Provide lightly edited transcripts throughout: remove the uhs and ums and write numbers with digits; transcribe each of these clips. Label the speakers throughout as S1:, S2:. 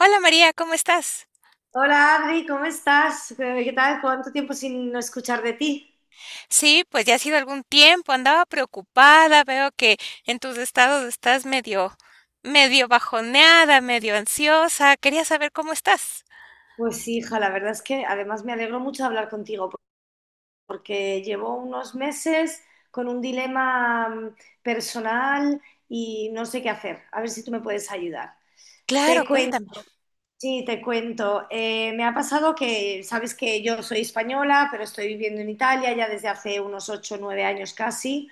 S1: Hola María, ¿cómo estás?
S2: Hola Adri, ¿cómo estás? ¿Qué tal? ¿Cuánto tiempo sin no escuchar de ti?
S1: Sí, pues ya ha sido algún tiempo, andaba preocupada, veo que en tus estados estás medio, medio bajoneada, medio ansiosa, quería saber cómo estás.
S2: Pues sí, hija, la verdad es que además me alegro mucho de hablar contigo porque llevo unos meses con un dilema personal y no sé qué hacer. A ver si tú me puedes ayudar.
S1: Claro,
S2: Te
S1: cuéntame.
S2: cuento, sí, te cuento. Me ha pasado que, sabes que yo soy española, pero estoy viviendo en Italia ya desde hace unos ocho o 9 años casi.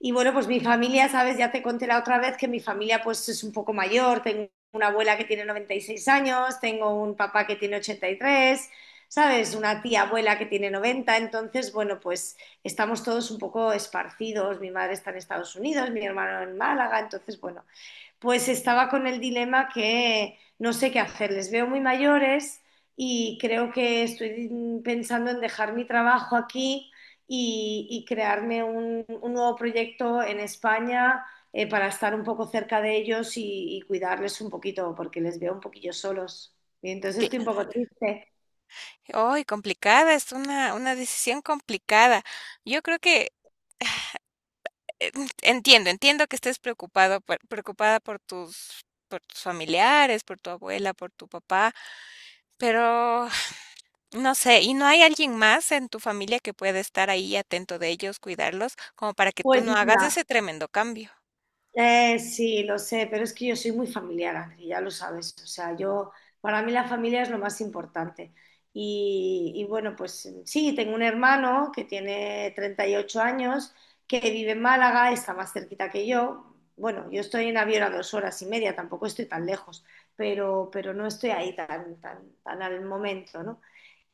S2: Y bueno, pues mi familia, sabes, ya te conté la otra vez que mi familia pues es un poco mayor, tengo una abuela que tiene 96 años, tengo un papá que tiene 83, sabes, una tía abuela que tiene 90. Entonces bueno, pues estamos todos un poco esparcidos, mi madre está en Estados Unidos, mi hermano en Málaga. Entonces bueno, pues estaba con el dilema que no sé qué hacer. Les veo muy mayores y creo que estoy pensando en dejar mi trabajo aquí y crearme un nuevo proyecto en España, para estar un poco cerca de ellos y cuidarles un poquito, porque les veo un poquillo solos. Y entonces estoy un
S1: Cl-
S2: poco triste.
S1: Ay, complicada, es una decisión complicada. Yo creo que eh, entiendo que estés preocupado, preocupada por tus familiares, por tu abuela, por tu papá, pero no sé, ¿y no hay alguien más en tu familia que pueda estar ahí atento de ellos, cuidarlos, como para que tú
S2: Pues
S1: no hagas
S2: mira,
S1: ese tremendo cambio?
S2: Sí, lo sé, pero es que yo soy muy familiar, Ángel, ya lo sabes. O sea, yo, para mí la familia es lo más importante. Y bueno, pues sí, tengo un hermano que tiene 38 años, que vive en Málaga, está más cerquita que yo. Bueno, yo estoy en avión a 2 horas y media, tampoco estoy tan lejos, pero no estoy ahí tan, tan, tan al momento, ¿no?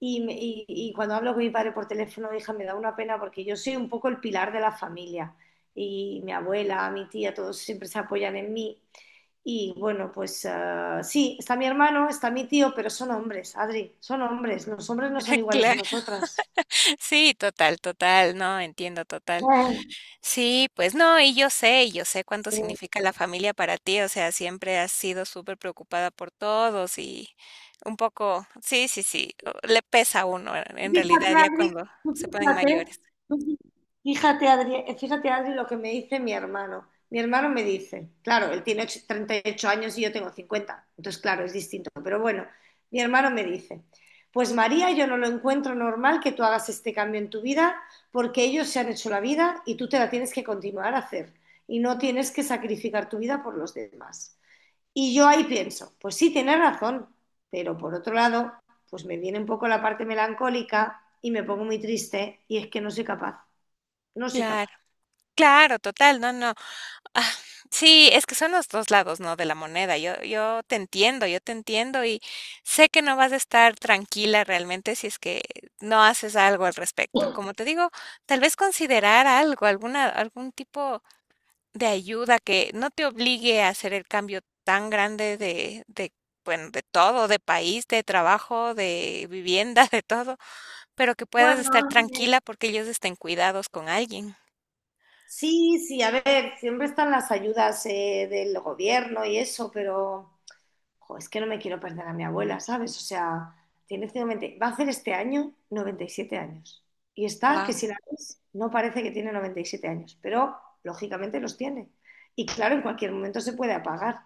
S2: Y cuando hablo con mi padre por teléfono, hija, me da una pena porque yo soy un poco el pilar de la familia y mi abuela, mi tía, todos siempre se apoyan en mí. Y bueno, pues sí, está mi hermano, está mi tío, pero son hombres, Adri, son hombres. Los hombres no son iguales a
S1: Claro,
S2: nosotras.
S1: sí, total, total, no, entiendo total.
S2: Bueno,
S1: Sí, pues no, y yo sé cuánto
S2: sí.
S1: significa la familia para ti, o sea, siempre has sido súper preocupada por todos y un poco, sí, sí, sí, le pesa a uno en realidad
S2: Fíjate,
S1: ya cuando
S2: Adri, tú
S1: se ponen
S2: fíjate,
S1: mayores.
S2: tú fí- fíjate, Adri, lo que me dice mi hermano. Mi hermano me dice, claro, él tiene 38 años y yo tengo 50. Entonces claro, es distinto, pero bueno, mi hermano me dice, pues María, yo no lo encuentro normal que tú hagas este cambio en tu vida porque ellos se han hecho la vida y tú te la tienes que continuar a hacer y no tienes que sacrificar tu vida por los demás. Y yo ahí pienso, pues sí, tienes razón, pero por otro lado, pues me viene un poco la parte melancólica y me pongo muy triste y es que no soy capaz, no soy
S1: Claro,
S2: capaz.
S1: claro, total, no, no. Ah, sí, es que son los 2 lados, ¿no?, de la moneda. Yo te entiendo, yo te entiendo, y sé que no vas a estar tranquila realmente si es que no haces algo al respecto. Como te digo, tal vez considerar algo, alguna algún tipo de ayuda que no te obligue a hacer el cambio tan grande de, bueno, de todo, de país, de trabajo, de vivienda, de todo, pero que puedas estar
S2: Bueno,
S1: tranquila porque ellos estén cuidados con alguien.
S2: sí, sí, a ver, siempre están las ayudas, del gobierno y eso, pero jo, es que no me quiero perder a mi abuela, ¿sabes? O sea, tiene 90, va a hacer este año 97 años. Y está que
S1: Wow,
S2: si la ves, no parece que tiene 97 años, pero lógicamente los tiene. Y claro, en cualquier momento se puede apagar.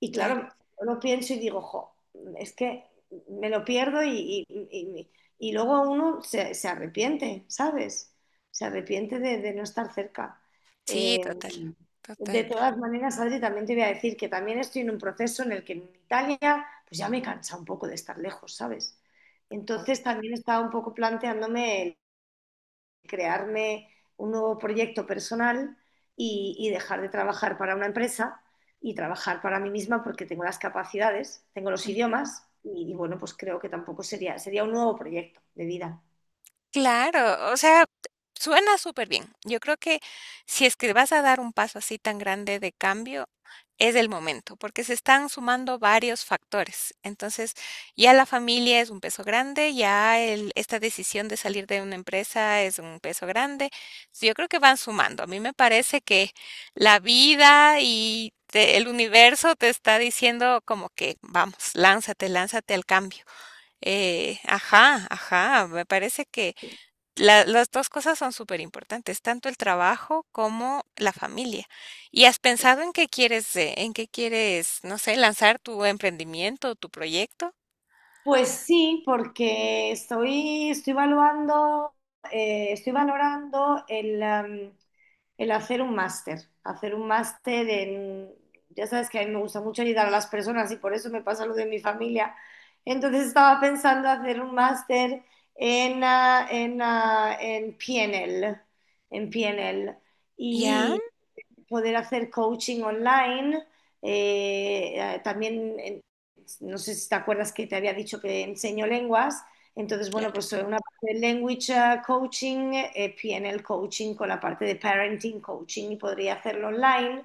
S2: Y
S1: claro.
S2: claro, yo lo pienso y digo, jo, es que me lo pierdo y luego uno se arrepiente, ¿sabes? Se arrepiente de no estar cerca.
S1: Sí,
S2: Eh,
S1: total, total.
S2: de todas maneras, Adri, también te voy a decir que también estoy en un proceso en el que en Italia, pues ya me cansa un poco de estar lejos, ¿sabes?
S1: Oh,
S2: Entonces también estaba un poco planteándome el crearme un nuevo proyecto personal y dejar de trabajar para una empresa y trabajar para mí misma porque tengo las capacidades, tengo los idiomas y bueno, pues creo que tampoco sería un nuevo proyecto de vida.
S1: claro, o sea, suena súper bien. Yo creo que si es que vas a dar un paso así tan grande de cambio, es el momento, porque se están sumando varios factores. Entonces, ya la familia es un peso grande, ya esta decisión de salir de una empresa es un peso grande. So, yo creo que van sumando. A mí me parece que la vida y el universo te está diciendo como que, vamos, lánzate, lánzate al cambio. Ajá, ajá, me parece que las dos cosas son súper importantes, tanto el trabajo como la familia. ¿Y has pensado en qué quieres, no sé, lanzar tu emprendimiento, tu proyecto?
S2: Pues sí, porque estoy evaluando, estoy valorando el hacer un máster en, ya sabes que a mí me gusta mucho ayudar a las personas y por eso me pasa lo de mi familia. Entonces estaba pensando hacer un máster en PNL, en PNL
S1: Ya,
S2: poder hacer coaching online. También, no sé si te acuerdas que te había dicho que enseño lenguas. Entonces, bueno,
S1: claro,
S2: pues una parte de language, coaching, PNL coaching con la parte de parenting coaching y podría hacerlo online,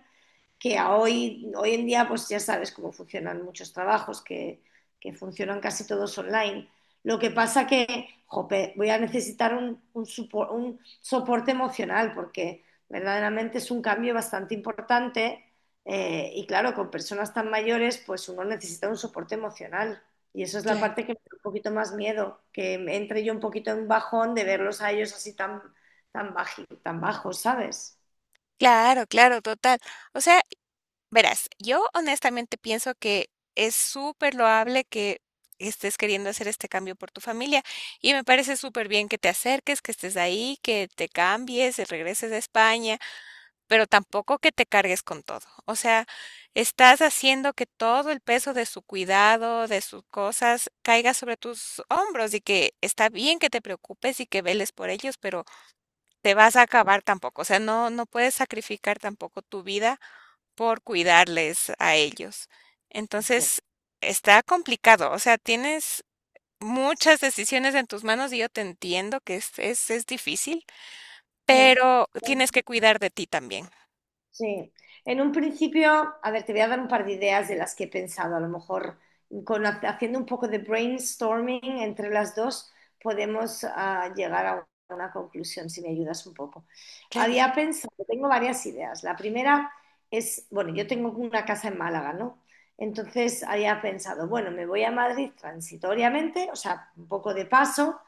S2: que hoy en día pues ya sabes cómo funcionan muchos trabajos, que funcionan casi todos online. Lo que pasa que, jope, voy a necesitar un soporte emocional porque verdaderamente es un cambio bastante importante, y claro, con personas tan mayores pues uno necesita un soporte emocional y eso es la
S1: claro,
S2: parte que me da un poquito más miedo, que me entre yo un poquito en un bajón de verlos a ellos así tan, tan, tan bajos, ¿sabes?
S1: claro, claro, total. O sea, verás, yo honestamente pienso que es súper loable que estés queriendo hacer este cambio por tu familia y me parece súper bien que te acerques, que estés ahí, que te cambies, regreses a España, pero tampoco que te cargues con todo. O sea, estás haciendo que todo el peso de su cuidado, de sus cosas, caiga sobre tus hombros y que está bien que te preocupes y que veles por ellos, pero te vas a acabar tampoco. O sea, no, no puedes sacrificar tampoco tu vida por cuidarles a ellos. Entonces, está complicado, o sea, tienes muchas decisiones en tus manos y yo te entiendo que es difícil,
S2: Sí.
S1: pero tienes que cuidar de ti también.
S2: Sí, en un principio, a ver, te voy a dar un par de ideas de las que he pensado. A lo mejor haciendo un poco de brainstorming entre las dos podemos llegar a una conclusión, si me ayudas un poco.
S1: Claro,
S2: Había pensado, tengo varias ideas. La primera es, bueno, yo tengo una casa en Málaga, ¿no? Entonces había pensado, bueno, me voy a Madrid transitoriamente, o sea, un poco de paso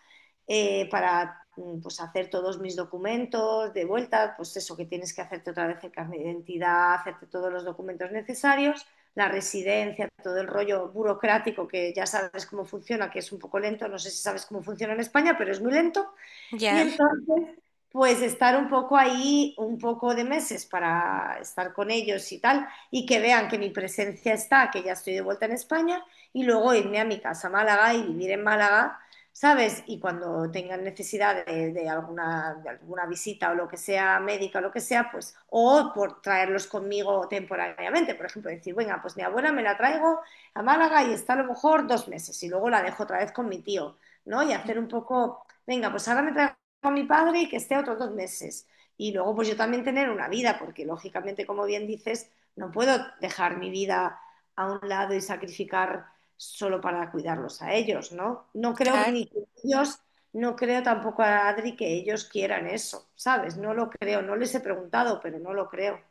S2: eh, para pues, hacer todos mis documentos de vuelta, pues eso que tienes que hacerte otra vez el carnet de identidad, hacerte todos los documentos necesarios, la residencia, todo el rollo burocrático que ya sabes cómo funciona, que es un poco lento, no sé si sabes cómo funciona en España, pero es muy lento. Y
S1: ya.
S2: entonces pues estar un poco ahí, un poco de meses para estar con ellos y tal, y que vean que mi presencia está, que ya estoy de vuelta en España, y luego irme a mi casa a Málaga y vivir en Málaga, ¿sabes? Y cuando tengan necesidad de alguna visita o lo que sea, médica o lo que sea, pues, o por traerlos conmigo temporariamente, por ejemplo, decir, venga, pues mi abuela me la traigo a Málaga y está a lo mejor 2 meses, y luego la dejo otra vez con mi tío, ¿no? Y
S1: Mm.
S2: hacer un poco, venga, pues ahora me traigo con mi padre y que esté otros 2 meses. Y luego, pues yo también tener una vida, porque lógicamente, como bien dices, no puedo dejar mi vida a un lado y sacrificar solo para cuidarlos a ellos, ¿no? No creo
S1: Claro,
S2: ni que ellos, no creo tampoco a Adri que ellos quieran eso, ¿sabes? No lo creo, no les he preguntado, pero no lo creo.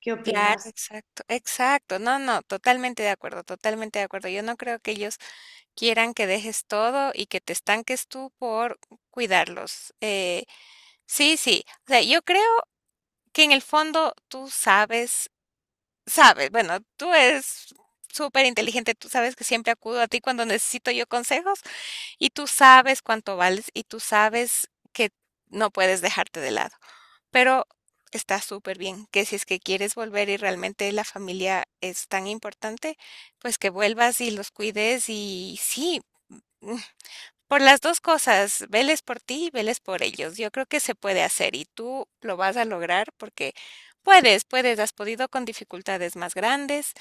S2: ¿Qué
S1: claro,
S2: opinas?
S1: exacto, exacto. No, no, totalmente de acuerdo, totalmente de acuerdo. Yo no creo que ellos quieran que dejes todo y que te estanques tú por cuidarlos. Sí, sí. O sea, yo creo que en el fondo tú sabes, sabes, bueno, tú eres súper inteligente, tú sabes que siempre acudo a ti cuando necesito yo consejos y tú sabes cuánto vales y tú sabes que no puedes dejarte de lado. Pero está súper bien que si es que quieres volver y realmente la familia es tan importante, pues que vuelvas y los cuides y sí. Por las 2 cosas, veles por ti y veles por ellos. Yo creo que se puede hacer y tú lo vas a lograr porque puedes, puedes, has podido con dificultades más grandes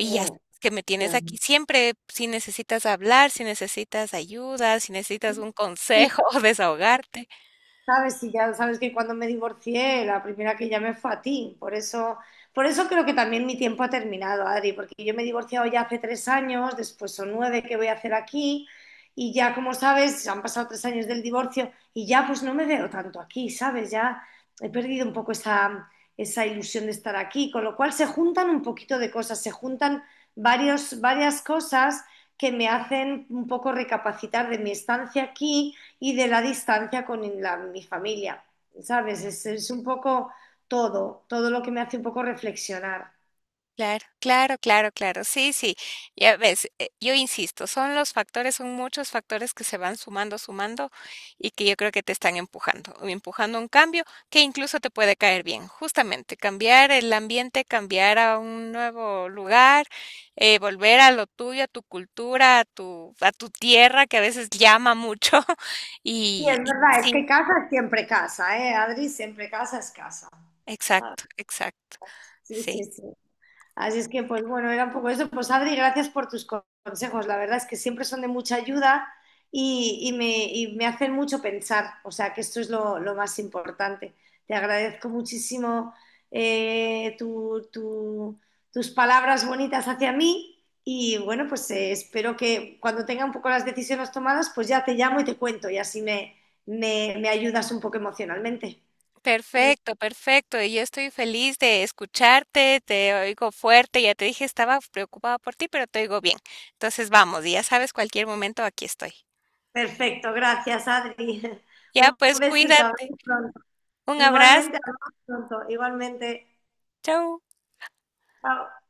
S2: Sí,
S1: ya sabes que me tienes aquí siempre, si necesitas hablar, si necesitas ayuda, si necesitas un
S2: ya.
S1: consejo, o desahogarte.
S2: Sabes, y ya sabes que cuando me divorcié, la primera que llamé fue a ti. Por eso creo que también mi tiempo ha terminado, Adri, porque yo me he divorciado ya hace 3 años, después son 9 que voy a hacer aquí, y ya, como sabes, han pasado 3 años del divorcio y ya pues no me veo tanto aquí, ¿sabes? Ya he perdido un poco esa ilusión de estar aquí, con lo cual se juntan un poquito de cosas, se juntan varios, varias cosas que me hacen un poco recapacitar de mi estancia aquí y de la distancia con mi familia, ¿sabes? Es un poco todo, todo lo que me hace un poco reflexionar.
S1: Claro, claro, claro, claro. Sí, sí. Ya ves, yo insisto, son los factores, son muchos factores que se van sumando, sumando y que yo creo que te están empujando, empujando a un cambio que incluso te puede caer bien. Justamente, cambiar el ambiente, cambiar a un nuevo lugar, volver a lo tuyo, a tu cultura, a tu tierra que a veces llama mucho.
S2: Y es
S1: Y, y
S2: verdad, es que
S1: sí,
S2: casa es siempre casa, ¿eh? Adri, siempre casa es casa. ¿Sabes?
S1: exacto, exacto.
S2: Sí,
S1: Sí.
S2: sí, sí. Así es que, pues bueno, era un poco eso. Pues Adri, gracias por tus consejos. La verdad es que siempre son de mucha ayuda y me hacen mucho pensar. O sea, que esto es lo más importante. Te agradezco muchísimo eh, tu- tu- tus palabras bonitas hacia mí y bueno, pues espero que cuando tenga un poco las decisiones tomadas, pues ya te llamo y te cuento y así me ayudas un poco emocionalmente.
S1: Perfecto, perfecto. Y yo estoy feliz de escucharte, te oigo fuerte, ya te dije, estaba preocupada por ti, pero te oigo bien. Entonces vamos, y ya sabes, cualquier momento aquí estoy.
S2: Perfecto, gracias Adri.
S1: Ya,
S2: Un
S1: pues
S2: besito,
S1: cuídate.
S2: hasta pronto.
S1: Un
S2: Igualmente,
S1: abrazo.
S2: hablamos pronto. Igualmente.
S1: Chau.
S2: Chao.